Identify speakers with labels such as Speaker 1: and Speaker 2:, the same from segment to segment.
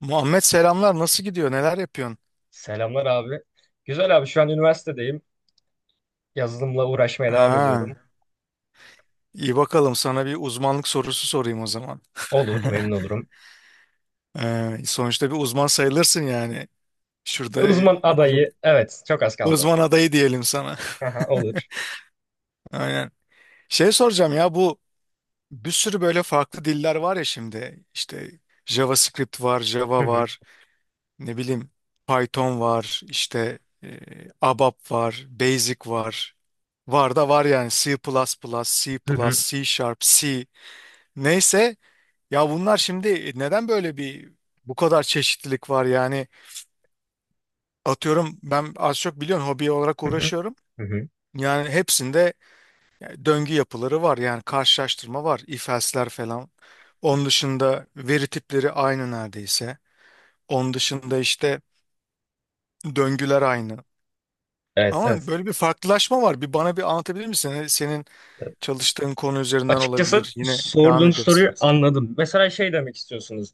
Speaker 1: Muhammed, selamlar. Nasıl gidiyor? Neler yapıyorsun?
Speaker 2: Selamlar abi. Güzel abi, şu an üniversitedeyim. Yazılımla uğraşmaya devam ediyorum.
Speaker 1: Ha, iyi bakalım. Sana bir uzmanlık sorusu sorayım o zaman.
Speaker 2: Olur, memnun olurum.
Speaker 1: Sonuçta bir uzman sayılırsın yani. Şurada
Speaker 2: E, uzman
Speaker 1: okulda
Speaker 2: adayı, evet, çok az kaldı.
Speaker 1: uzman adayı diyelim sana.
Speaker 2: Aha, olur.
Speaker 1: Aynen. Şey soracağım ya, bu bir sürü böyle farklı diller var ya şimdi. İşte JavaScript var,
Speaker 2: Hı
Speaker 1: Java
Speaker 2: hı.
Speaker 1: var, ne bileyim Python var, işte ABAP var, Basic var. Var da var yani C++, C++,
Speaker 2: Hı hı.
Speaker 1: C Sharp, C. Neyse ya, bunlar şimdi neden böyle bir bu kadar çeşitlilik var yani? Atıyorum, ben az çok biliyorsun hobi olarak
Speaker 2: Hı hı.
Speaker 1: uğraşıyorum.
Speaker 2: Hı hı.
Speaker 1: Yani hepsinde döngü yapıları var, yani karşılaştırma var, if else'ler falan. Onun dışında veri tipleri aynı neredeyse. Onun dışında işte döngüler aynı.
Speaker 2: Evet,
Speaker 1: Ama
Speaker 2: evet.
Speaker 1: böyle bir farklılaşma var. Bana bir anlatabilir misin? Hani senin çalıştığın konu üzerinden
Speaker 2: Açıkçası
Speaker 1: olabilir. Yine devam
Speaker 2: sorduğun
Speaker 1: ederiz.
Speaker 2: soruyu anladım. Mesela şey demek istiyorsunuz.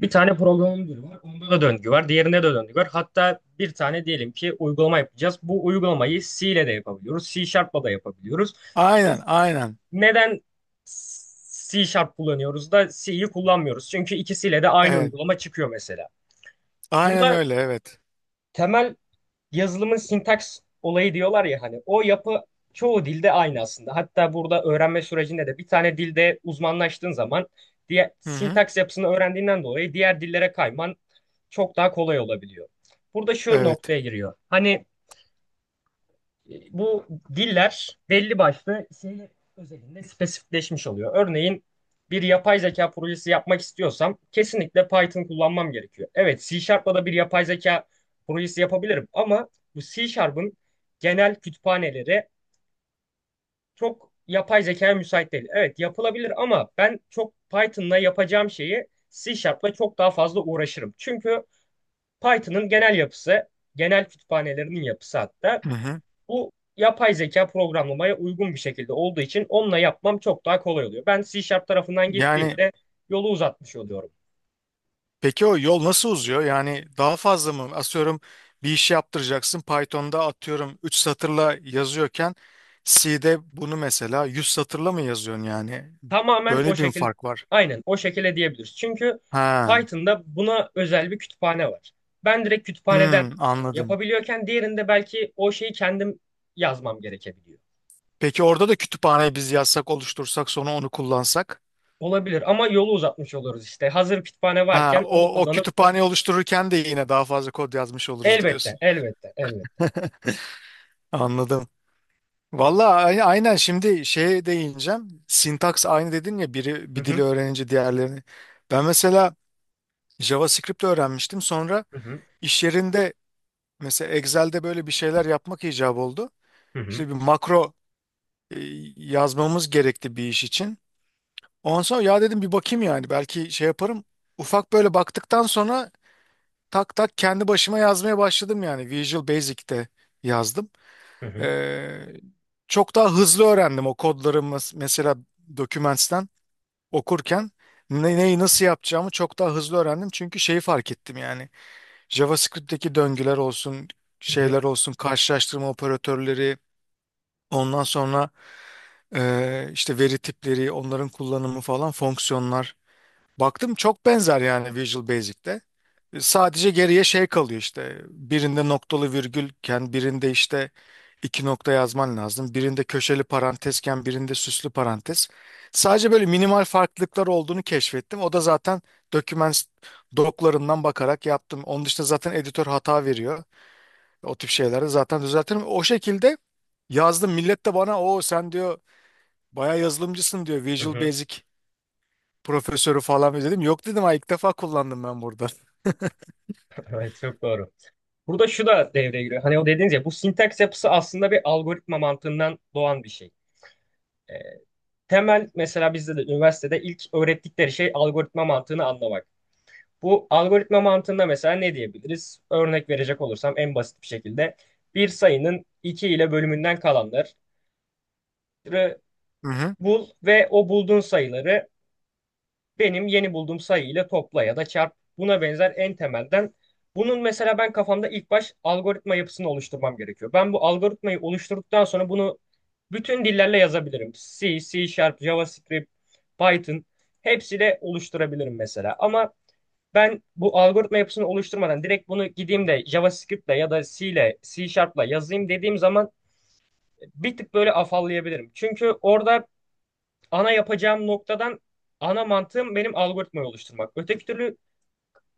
Speaker 2: Bir tane programın dili var. Onda da döngü var. Diğerinde de döngü var. Hatta bir tane diyelim ki uygulama yapacağız. Bu uygulamayı C ile de yapabiliyoruz. C Sharp'la da yapabiliyoruz.
Speaker 1: Aynen, aynen.
Speaker 2: Neden C Sharp kullanıyoruz da C'yi kullanmıyoruz? Çünkü ikisiyle de aynı
Speaker 1: Evet.
Speaker 2: uygulama çıkıyor mesela.
Speaker 1: Aynen
Speaker 2: Burada
Speaker 1: öyle, evet.
Speaker 2: temel yazılımın sintaks olayı diyorlar ya, hani o yapı çoğu dilde aynı aslında. Hatta burada öğrenme sürecinde de bir tane dilde uzmanlaştığın zaman diğer
Speaker 1: Hı hı.
Speaker 2: sintaks yapısını öğrendiğinden dolayı diğer dillere kayman çok daha kolay olabiliyor. Burada şu
Speaker 1: Evet.
Speaker 2: noktaya giriyor. Hani bu diller belli başlı şey özelinde spesifikleşmiş oluyor. Örneğin bir yapay zeka projesi yapmak istiyorsam kesinlikle Python kullanmam gerekiyor. Evet, C Sharp'la da bir yapay zeka projesi yapabilirim ama bu C Sharp'ın genel kütüphaneleri çok yapay zekaya müsait değil. Evet, yapılabilir ama ben çok Python'la yapacağım şeyi C Sharp'la çok daha fazla uğraşırım. Çünkü Python'ın genel yapısı, genel kütüphanelerinin yapısı hatta
Speaker 1: Hı hı.
Speaker 2: bu yapay zeka programlamaya uygun bir şekilde olduğu için onunla yapmam çok daha kolay oluyor. Ben C Sharp tarafından
Speaker 1: Yani
Speaker 2: gittiğimde yolu uzatmış oluyorum.
Speaker 1: peki o yol nasıl uzuyor? Yani daha fazla mı? Atıyorum bir iş yaptıracaksın. Python'da atıyorum 3 satırla yazıyorken C'de bunu mesela 100 satırla mı yazıyorsun yani?
Speaker 2: Tamamen o
Speaker 1: Böyle bir mi
Speaker 2: şekil,
Speaker 1: fark var?
Speaker 2: aynen o şekilde diyebiliriz. Çünkü
Speaker 1: Ha.
Speaker 2: Python'da buna özel bir kütüphane var. Ben direkt kütüphaneden
Speaker 1: Hmm, anladım.
Speaker 2: yapabiliyorken diğerinde belki o şeyi kendim yazmam gerekebiliyor.
Speaker 1: Peki orada da kütüphaneyi biz yazsak, oluştursak, sonra onu kullansak?
Speaker 2: Olabilir ama yolu uzatmış oluruz işte. Hazır kütüphane
Speaker 1: Ha,
Speaker 2: varken onu
Speaker 1: o
Speaker 2: kullanıp
Speaker 1: kütüphaneyi oluştururken de yine daha fazla kod yazmış oluruz
Speaker 2: elbette,
Speaker 1: diyorsun.
Speaker 2: elbette, elbette.
Speaker 1: Anladım.
Speaker 2: Evet.
Speaker 1: Valla aynen, şimdi şeye değineceğim. Sintaks aynı dedin ya, biri
Speaker 2: Hı
Speaker 1: bir dili
Speaker 2: hı,
Speaker 1: öğrenince diğerlerini. Ben mesela JavaScript öğrenmiştim. Sonra
Speaker 2: hı hı,
Speaker 1: iş yerinde mesela Excel'de böyle bir şeyler yapmak icap oldu.
Speaker 2: hı hı,
Speaker 1: İşte bir makro e, yazmamız gerekti bir iş için. Ondan sonra ya dedim, bir bakayım yani, belki şey yaparım. Ufak böyle baktıktan sonra tak tak kendi başıma yazmaya başladım, yani Visual Basic'te yazdım.
Speaker 2: hı hı,
Speaker 1: Ee, Çok daha hızlı öğrendim o kodları, mesela dokümentten okurken neyi nasıl yapacağımı çok daha hızlı öğrendim. Çünkü şeyi fark ettim yani, JavaScript'teki döngüler olsun,
Speaker 2: hı hı,
Speaker 1: şeyler olsun, karşılaştırma operatörleri, ondan sonra işte veri tipleri, onların kullanımı falan, fonksiyonlar. Baktım çok benzer yani Visual Basic'te. E, Sadece geriye şey kalıyor, işte birinde noktalı virgülken birinde işte iki nokta yazman lazım. Birinde köşeli parantezken birinde süslü parantez. Sadece böyle minimal farklılıklar olduğunu keşfettim. O da zaten doküman doklarından bakarak yaptım. Onun dışında zaten editör hata veriyor. O tip şeyleri zaten düzeltirim. O şekilde yazdım. Millet de bana o sen diyor, bayağı yazılımcısın diyor,
Speaker 2: hı
Speaker 1: Visual
Speaker 2: hı.
Speaker 1: Basic profesörü falan mı, dedim. Yok dedim, ha ilk defa kullandım ben burada.
Speaker 2: Evet, çok doğru. Burada şu da devreye giriyor. Hani o dediğiniz ya, bu sintaks yapısı aslında bir algoritma mantığından doğan bir şey. Ee, Temel mesela bizde de üniversitede ilk öğrettikleri şey algoritma mantığını anlamak. Bu algoritma mantığında mesela ne diyebiliriz? Örnek verecek olursam en basit bir şekilde bir sayının 2 ile bölümünden kalanları
Speaker 1: Hı hı.
Speaker 2: bul ve o bulduğun sayıları benim yeni bulduğum sayı ile topla ya da çarp, buna benzer en temelden. Bunun mesela ben kafamda ilk baş algoritma yapısını oluşturmam gerekiyor. Ben bu algoritmayı oluşturduktan sonra bunu bütün dillerle yazabilirim. C, C Sharp, JavaScript, Python, hepsiyle oluşturabilirim mesela. Ama ben bu algoritma yapısını oluşturmadan direkt bunu gideyim de JavaScript'le ya da C ile C Sharp'la yazayım dediğim zaman bir tık böyle afallayabilirim. Çünkü orada ana yapacağım noktadan ana mantığım benim algoritmayı oluşturmak. Öteki türlü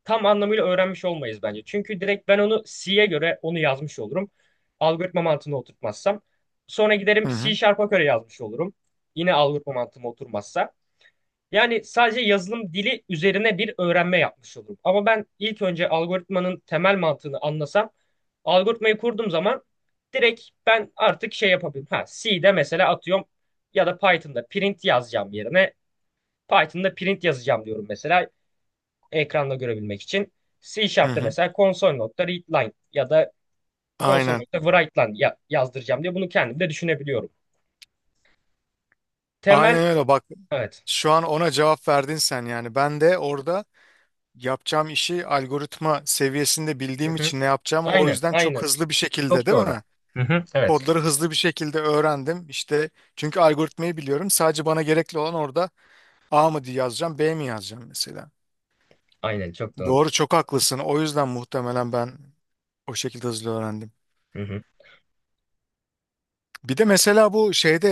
Speaker 2: tam anlamıyla öğrenmiş olmayız bence. Çünkü direkt ben onu C'ye göre onu yazmış olurum. Algoritma mantığını oturtmazsam. Sonra giderim
Speaker 1: Hı
Speaker 2: C
Speaker 1: hı.
Speaker 2: Sharp'a göre yazmış olurum. Yine algoritma mantığım oturmazsa. Yani sadece yazılım dili üzerine bir öğrenme yapmış olurum. Ama ben ilk önce algoritmanın temel mantığını anlasam, algoritmayı kurduğum zaman direkt ben artık şey yapabilirim. Ha, C'de mesela atıyorum ya da Python'da print yazacağım yerine Python'da print yazacağım diyorum mesela ekranda görebilmek için. C
Speaker 1: Hı
Speaker 2: Sharp'ta
Speaker 1: hı.
Speaker 2: mesela console.readline ya da
Speaker 1: Aynen.
Speaker 2: console.writeline ya yazdıracağım diye bunu kendim de düşünebiliyorum. Temel,
Speaker 1: Aynen öyle bak.
Speaker 2: evet.
Speaker 1: Şu an ona cevap verdin sen yani. Ben de orada yapacağım işi algoritma seviyesinde
Speaker 2: Hı
Speaker 1: bildiğim
Speaker 2: hı.
Speaker 1: için ne yapacağımı o
Speaker 2: Aynen,
Speaker 1: yüzden çok
Speaker 2: aynen.
Speaker 1: hızlı bir şekilde,
Speaker 2: Çok
Speaker 1: değil
Speaker 2: doğru.
Speaker 1: mi?
Speaker 2: Hı hı. Evet,
Speaker 1: Kodları hızlı bir şekilde öğrendim. İşte çünkü algoritmayı biliyorum. Sadece bana gerekli olan orada A mı diye yazacağım, B mi yazacağım mesela.
Speaker 2: aynen çok doğru.
Speaker 1: Doğru, çok haklısın. O yüzden muhtemelen ben o şekilde hızlı öğrendim.
Speaker 2: Hı hı.
Speaker 1: Bir de mesela bu şeyde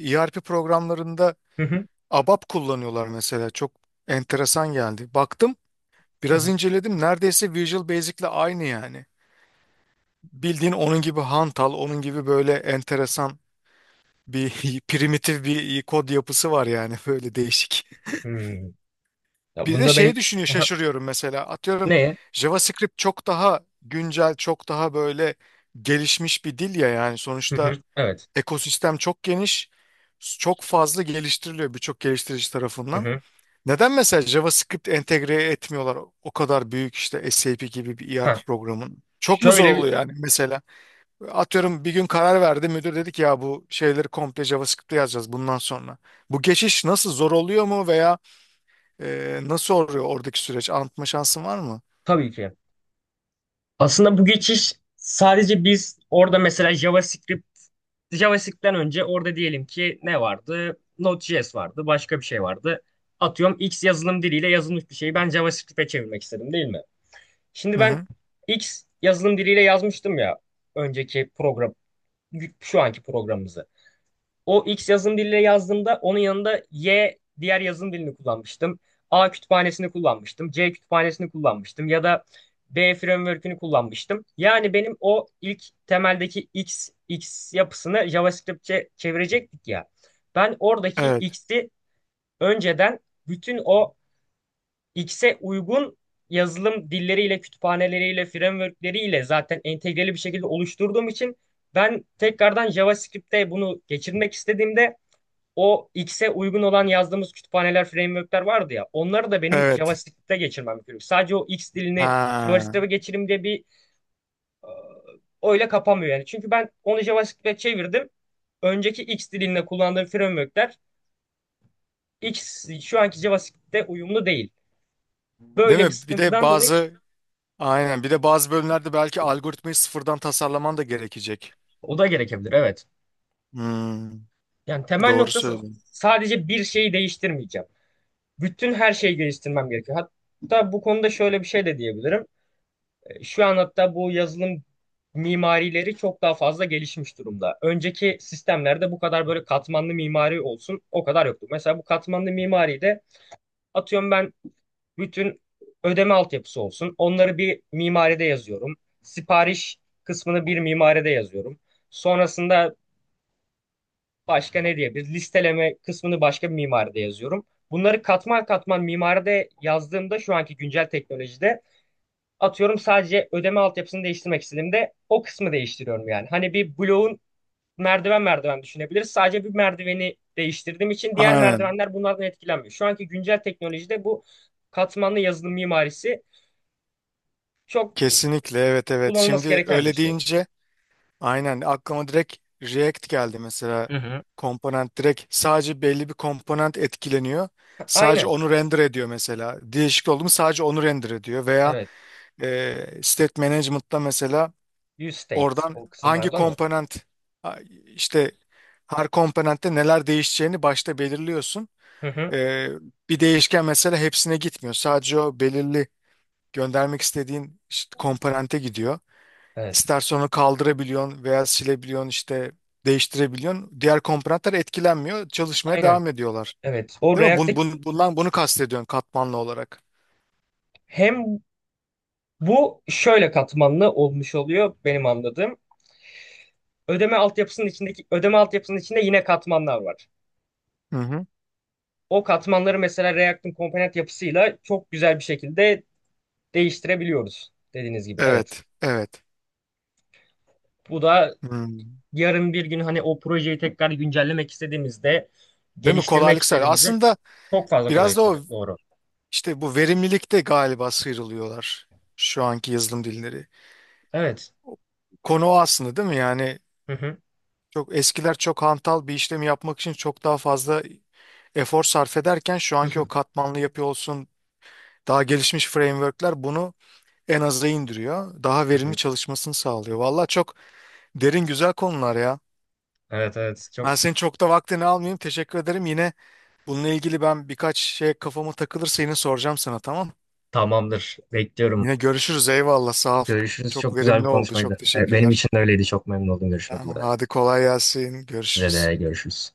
Speaker 1: ERP programlarında
Speaker 2: Hı hı.
Speaker 1: ABAP kullanıyorlar mesela. Çok enteresan geldi. Baktım,
Speaker 2: Hı
Speaker 1: biraz
Speaker 2: hı.
Speaker 1: inceledim. Neredeyse Visual Basic'le aynı yani. Bildiğin onun gibi hantal, onun gibi böyle enteresan bir primitif bir kod yapısı var yani böyle değişik.
Speaker 2: Hmm. Ya
Speaker 1: Bir de
Speaker 2: bunda benim.
Speaker 1: şey düşünüyor
Speaker 2: Aha.
Speaker 1: şaşırıyorum, mesela atıyorum
Speaker 2: Ne?
Speaker 1: JavaScript çok daha güncel, çok daha böyle gelişmiş bir dil ya yani,
Speaker 2: Hı
Speaker 1: sonuçta
Speaker 2: hı. Evet.
Speaker 1: ekosistem çok geniş, çok fazla geliştiriliyor birçok geliştirici
Speaker 2: Hı
Speaker 1: tarafından.
Speaker 2: hı.
Speaker 1: Neden mesela JavaScript entegre etmiyorlar o kadar büyük işte SAP gibi bir
Speaker 2: Ha.
Speaker 1: ERP programın? Çok mu
Speaker 2: Şöyle
Speaker 1: zor
Speaker 2: bir.
Speaker 1: oluyor yani mesela? Atıyorum bir gün karar verdi müdür, dedi ki ya bu şeyleri komple JavaScript'te yazacağız bundan sonra. Bu geçiş nasıl, zor oluyor mu, veya nasıl oluyor oradaki süreç? Anlatma şansın var mı?
Speaker 2: Tabii ki. Aslında bu geçiş sadece biz orada mesela JavaScript'ten önce orada diyelim ki ne vardı? Node.js vardı, başka bir şey vardı. Atıyorum X yazılım diliyle yazılmış bir şeyi ben JavaScript'e çevirmek istedim değil mi? Şimdi
Speaker 1: Hı
Speaker 2: ben
Speaker 1: hı.
Speaker 2: X yazılım diliyle yazmıştım ya, önceki program, şu anki programımızı. O X yazım diliyle yazdığımda onun yanında Y diğer yazım dilini kullanmıştım. A kütüphanesini kullanmıştım. C kütüphanesini kullanmıştım. Ya da B framework'ünü kullanmıştım. Yani benim o ilk temeldeki X yapısını JavaScript'e çevirecektik ya. Ben oradaki
Speaker 1: Evet.
Speaker 2: X'i önceden bütün o X'e uygun yazılım dilleriyle, kütüphaneleriyle, framework'leriyle zaten entegreli bir şekilde oluşturduğum için ben tekrardan JavaScript'te bunu geçirmek istediğimde o X'e uygun olan yazdığımız kütüphaneler, framework'ler vardı ya. Onları da benim
Speaker 1: Evet.
Speaker 2: JavaScript'te geçirmem gerekiyor. Sadece o X dilini
Speaker 1: Ha.
Speaker 2: JavaScript'e geçireyim diye bir e, öyle kapamıyor yani. Çünkü ben onu JavaScript'e çevirdim. Önceki X dilinde kullandığım framework'ler X şu anki JavaScript'te uyumlu değil.
Speaker 1: Değil
Speaker 2: Böyle bir
Speaker 1: mi? Bir de
Speaker 2: sıkıntıdan dolayı
Speaker 1: bazı aynen bir de bazı bölümlerde belki algoritmayı sıfırdan tasarlaman da gerekecek.
Speaker 2: o da gerekebilir, evet.
Speaker 1: Hmm,
Speaker 2: Yani temel
Speaker 1: doğru
Speaker 2: noktası
Speaker 1: söylüyorsun.
Speaker 2: sadece bir şeyi değiştirmeyeceğim. Bütün her şeyi geliştirmem gerekiyor. Hatta bu konuda şöyle bir şey de diyebilirim. Şu an hatta bu yazılım mimarileri çok daha fazla gelişmiş durumda. Önceki sistemlerde bu kadar böyle katmanlı mimari olsun o kadar yoktu. Mesela bu katmanlı mimari de atıyorum ben bütün ödeme altyapısı olsun. Onları bir mimaride yazıyorum. Sipariş kısmını bir mimaride yazıyorum. Sonrasında başka ne diyebiliriz? Listeleme kısmını başka bir mimaride yazıyorum. Bunları katman katman mimaride yazdığımda şu anki güncel teknolojide atıyorum sadece ödeme altyapısını değiştirmek istediğimde o kısmı değiştiriyorum yani. Hani bir bloğun merdiven merdiven düşünebiliriz. Sadece bir merdiveni değiştirdiğim için diğer
Speaker 1: Aynen.
Speaker 2: merdivenler bunlardan etkilenmiyor. Şu anki güncel teknolojide bu katmanlı yazılım mimarisi çok
Speaker 1: Kesinlikle, evet, evet.
Speaker 2: kullanılması
Speaker 1: Şimdi
Speaker 2: gereken bir
Speaker 1: öyle
Speaker 2: şey.
Speaker 1: deyince aynen aklıma direkt React geldi mesela.
Speaker 2: Hı hı.
Speaker 1: Komponent, direkt sadece belli bir komponent etkileniyor. Sadece
Speaker 2: Aynen.
Speaker 1: onu render ediyor mesela. Değişik oldu mu sadece onu render ediyor. Veya
Speaker 2: Evet.
Speaker 1: state management'ta mesela
Speaker 2: View state
Speaker 1: oradan
Speaker 2: o
Speaker 1: hangi
Speaker 2: kısımlarda mı?
Speaker 1: komponent a- işte her komponentte neler değişeceğini başta belirliyorsun.
Speaker 2: Hı hı.
Speaker 1: E, Bir değişken mesela hepsine gitmiyor. Sadece o belirli göndermek istediğin işte komponente gidiyor.
Speaker 2: Evet.
Speaker 1: İstersen onu kaldırabiliyorsun veya silebiliyorsun, işte değiştirebiliyorsun. Diğer komponentler etkilenmiyor. Çalışmaya
Speaker 2: Aynen.
Speaker 1: devam ediyorlar.
Speaker 2: Evet. O
Speaker 1: Değil mi? Bun,
Speaker 2: React'teki
Speaker 1: bun, bundan bunu kastediyorsun, katmanlı olarak.
Speaker 2: hem bu şöyle katmanlı olmuş oluyor, benim anladığım. Ödeme altyapısının içindeki ödeme altyapısının içinde yine katmanlar var.
Speaker 1: Hı hı.
Speaker 2: O katmanları mesela React'ın komponent yapısıyla çok güzel bir şekilde değiştirebiliyoruz, dediğiniz gibi. Evet.
Speaker 1: Evet, evet.
Speaker 2: Bu da
Speaker 1: Hmm.
Speaker 2: yarın bir gün hani o projeyi tekrar güncellemek istediğimizde,
Speaker 1: Değil mi?
Speaker 2: geliştirmek
Speaker 1: Kolaylık sağlıyor.
Speaker 2: istediğimizde
Speaker 1: Aslında
Speaker 2: çok fazla kolay.
Speaker 1: biraz da o
Speaker 2: Kolaylık. Doğru.
Speaker 1: işte bu verimlilikte galiba sıyrılıyorlar şu anki yazılım dilleri.
Speaker 2: Evet.
Speaker 1: O konu o aslında, değil mi? Yani
Speaker 2: Hı hı.
Speaker 1: çok eskiler çok hantal bir işlemi yapmak için çok daha fazla efor sarf ederken, şu
Speaker 2: Hı
Speaker 1: anki o
Speaker 2: hı.
Speaker 1: katmanlı yapı olsun, daha gelişmiş frameworkler bunu en aza indiriyor. Daha
Speaker 2: Hı
Speaker 1: verimli
Speaker 2: hı.
Speaker 1: çalışmasını sağlıyor. Valla çok derin güzel konular ya.
Speaker 2: Evet, evet, çok.
Speaker 1: Ben senin çok da vaktini almayayım. Teşekkür ederim. Yine bununla ilgili ben birkaç şey kafama takılırsa yine soracağım sana, tamam?
Speaker 2: Tamamdır. Bekliyorum.
Speaker 1: Yine görüşürüz. Eyvallah, sağ ol.
Speaker 2: Görüşürüz.
Speaker 1: Çok
Speaker 2: Çok güzel bir
Speaker 1: verimli oldu.
Speaker 2: konuşmaydı.
Speaker 1: Çok
Speaker 2: Evet, benim
Speaker 1: teşekkürler.
Speaker 2: için de öyleydi. Çok memnun oldum. Görüşmek
Speaker 1: Tamam,
Speaker 2: üzere.
Speaker 1: hadi kolay gelsin.
Speaker 2: Size
Speaker 1: Görüşürüz.
Speaker 2: de görüşürüz.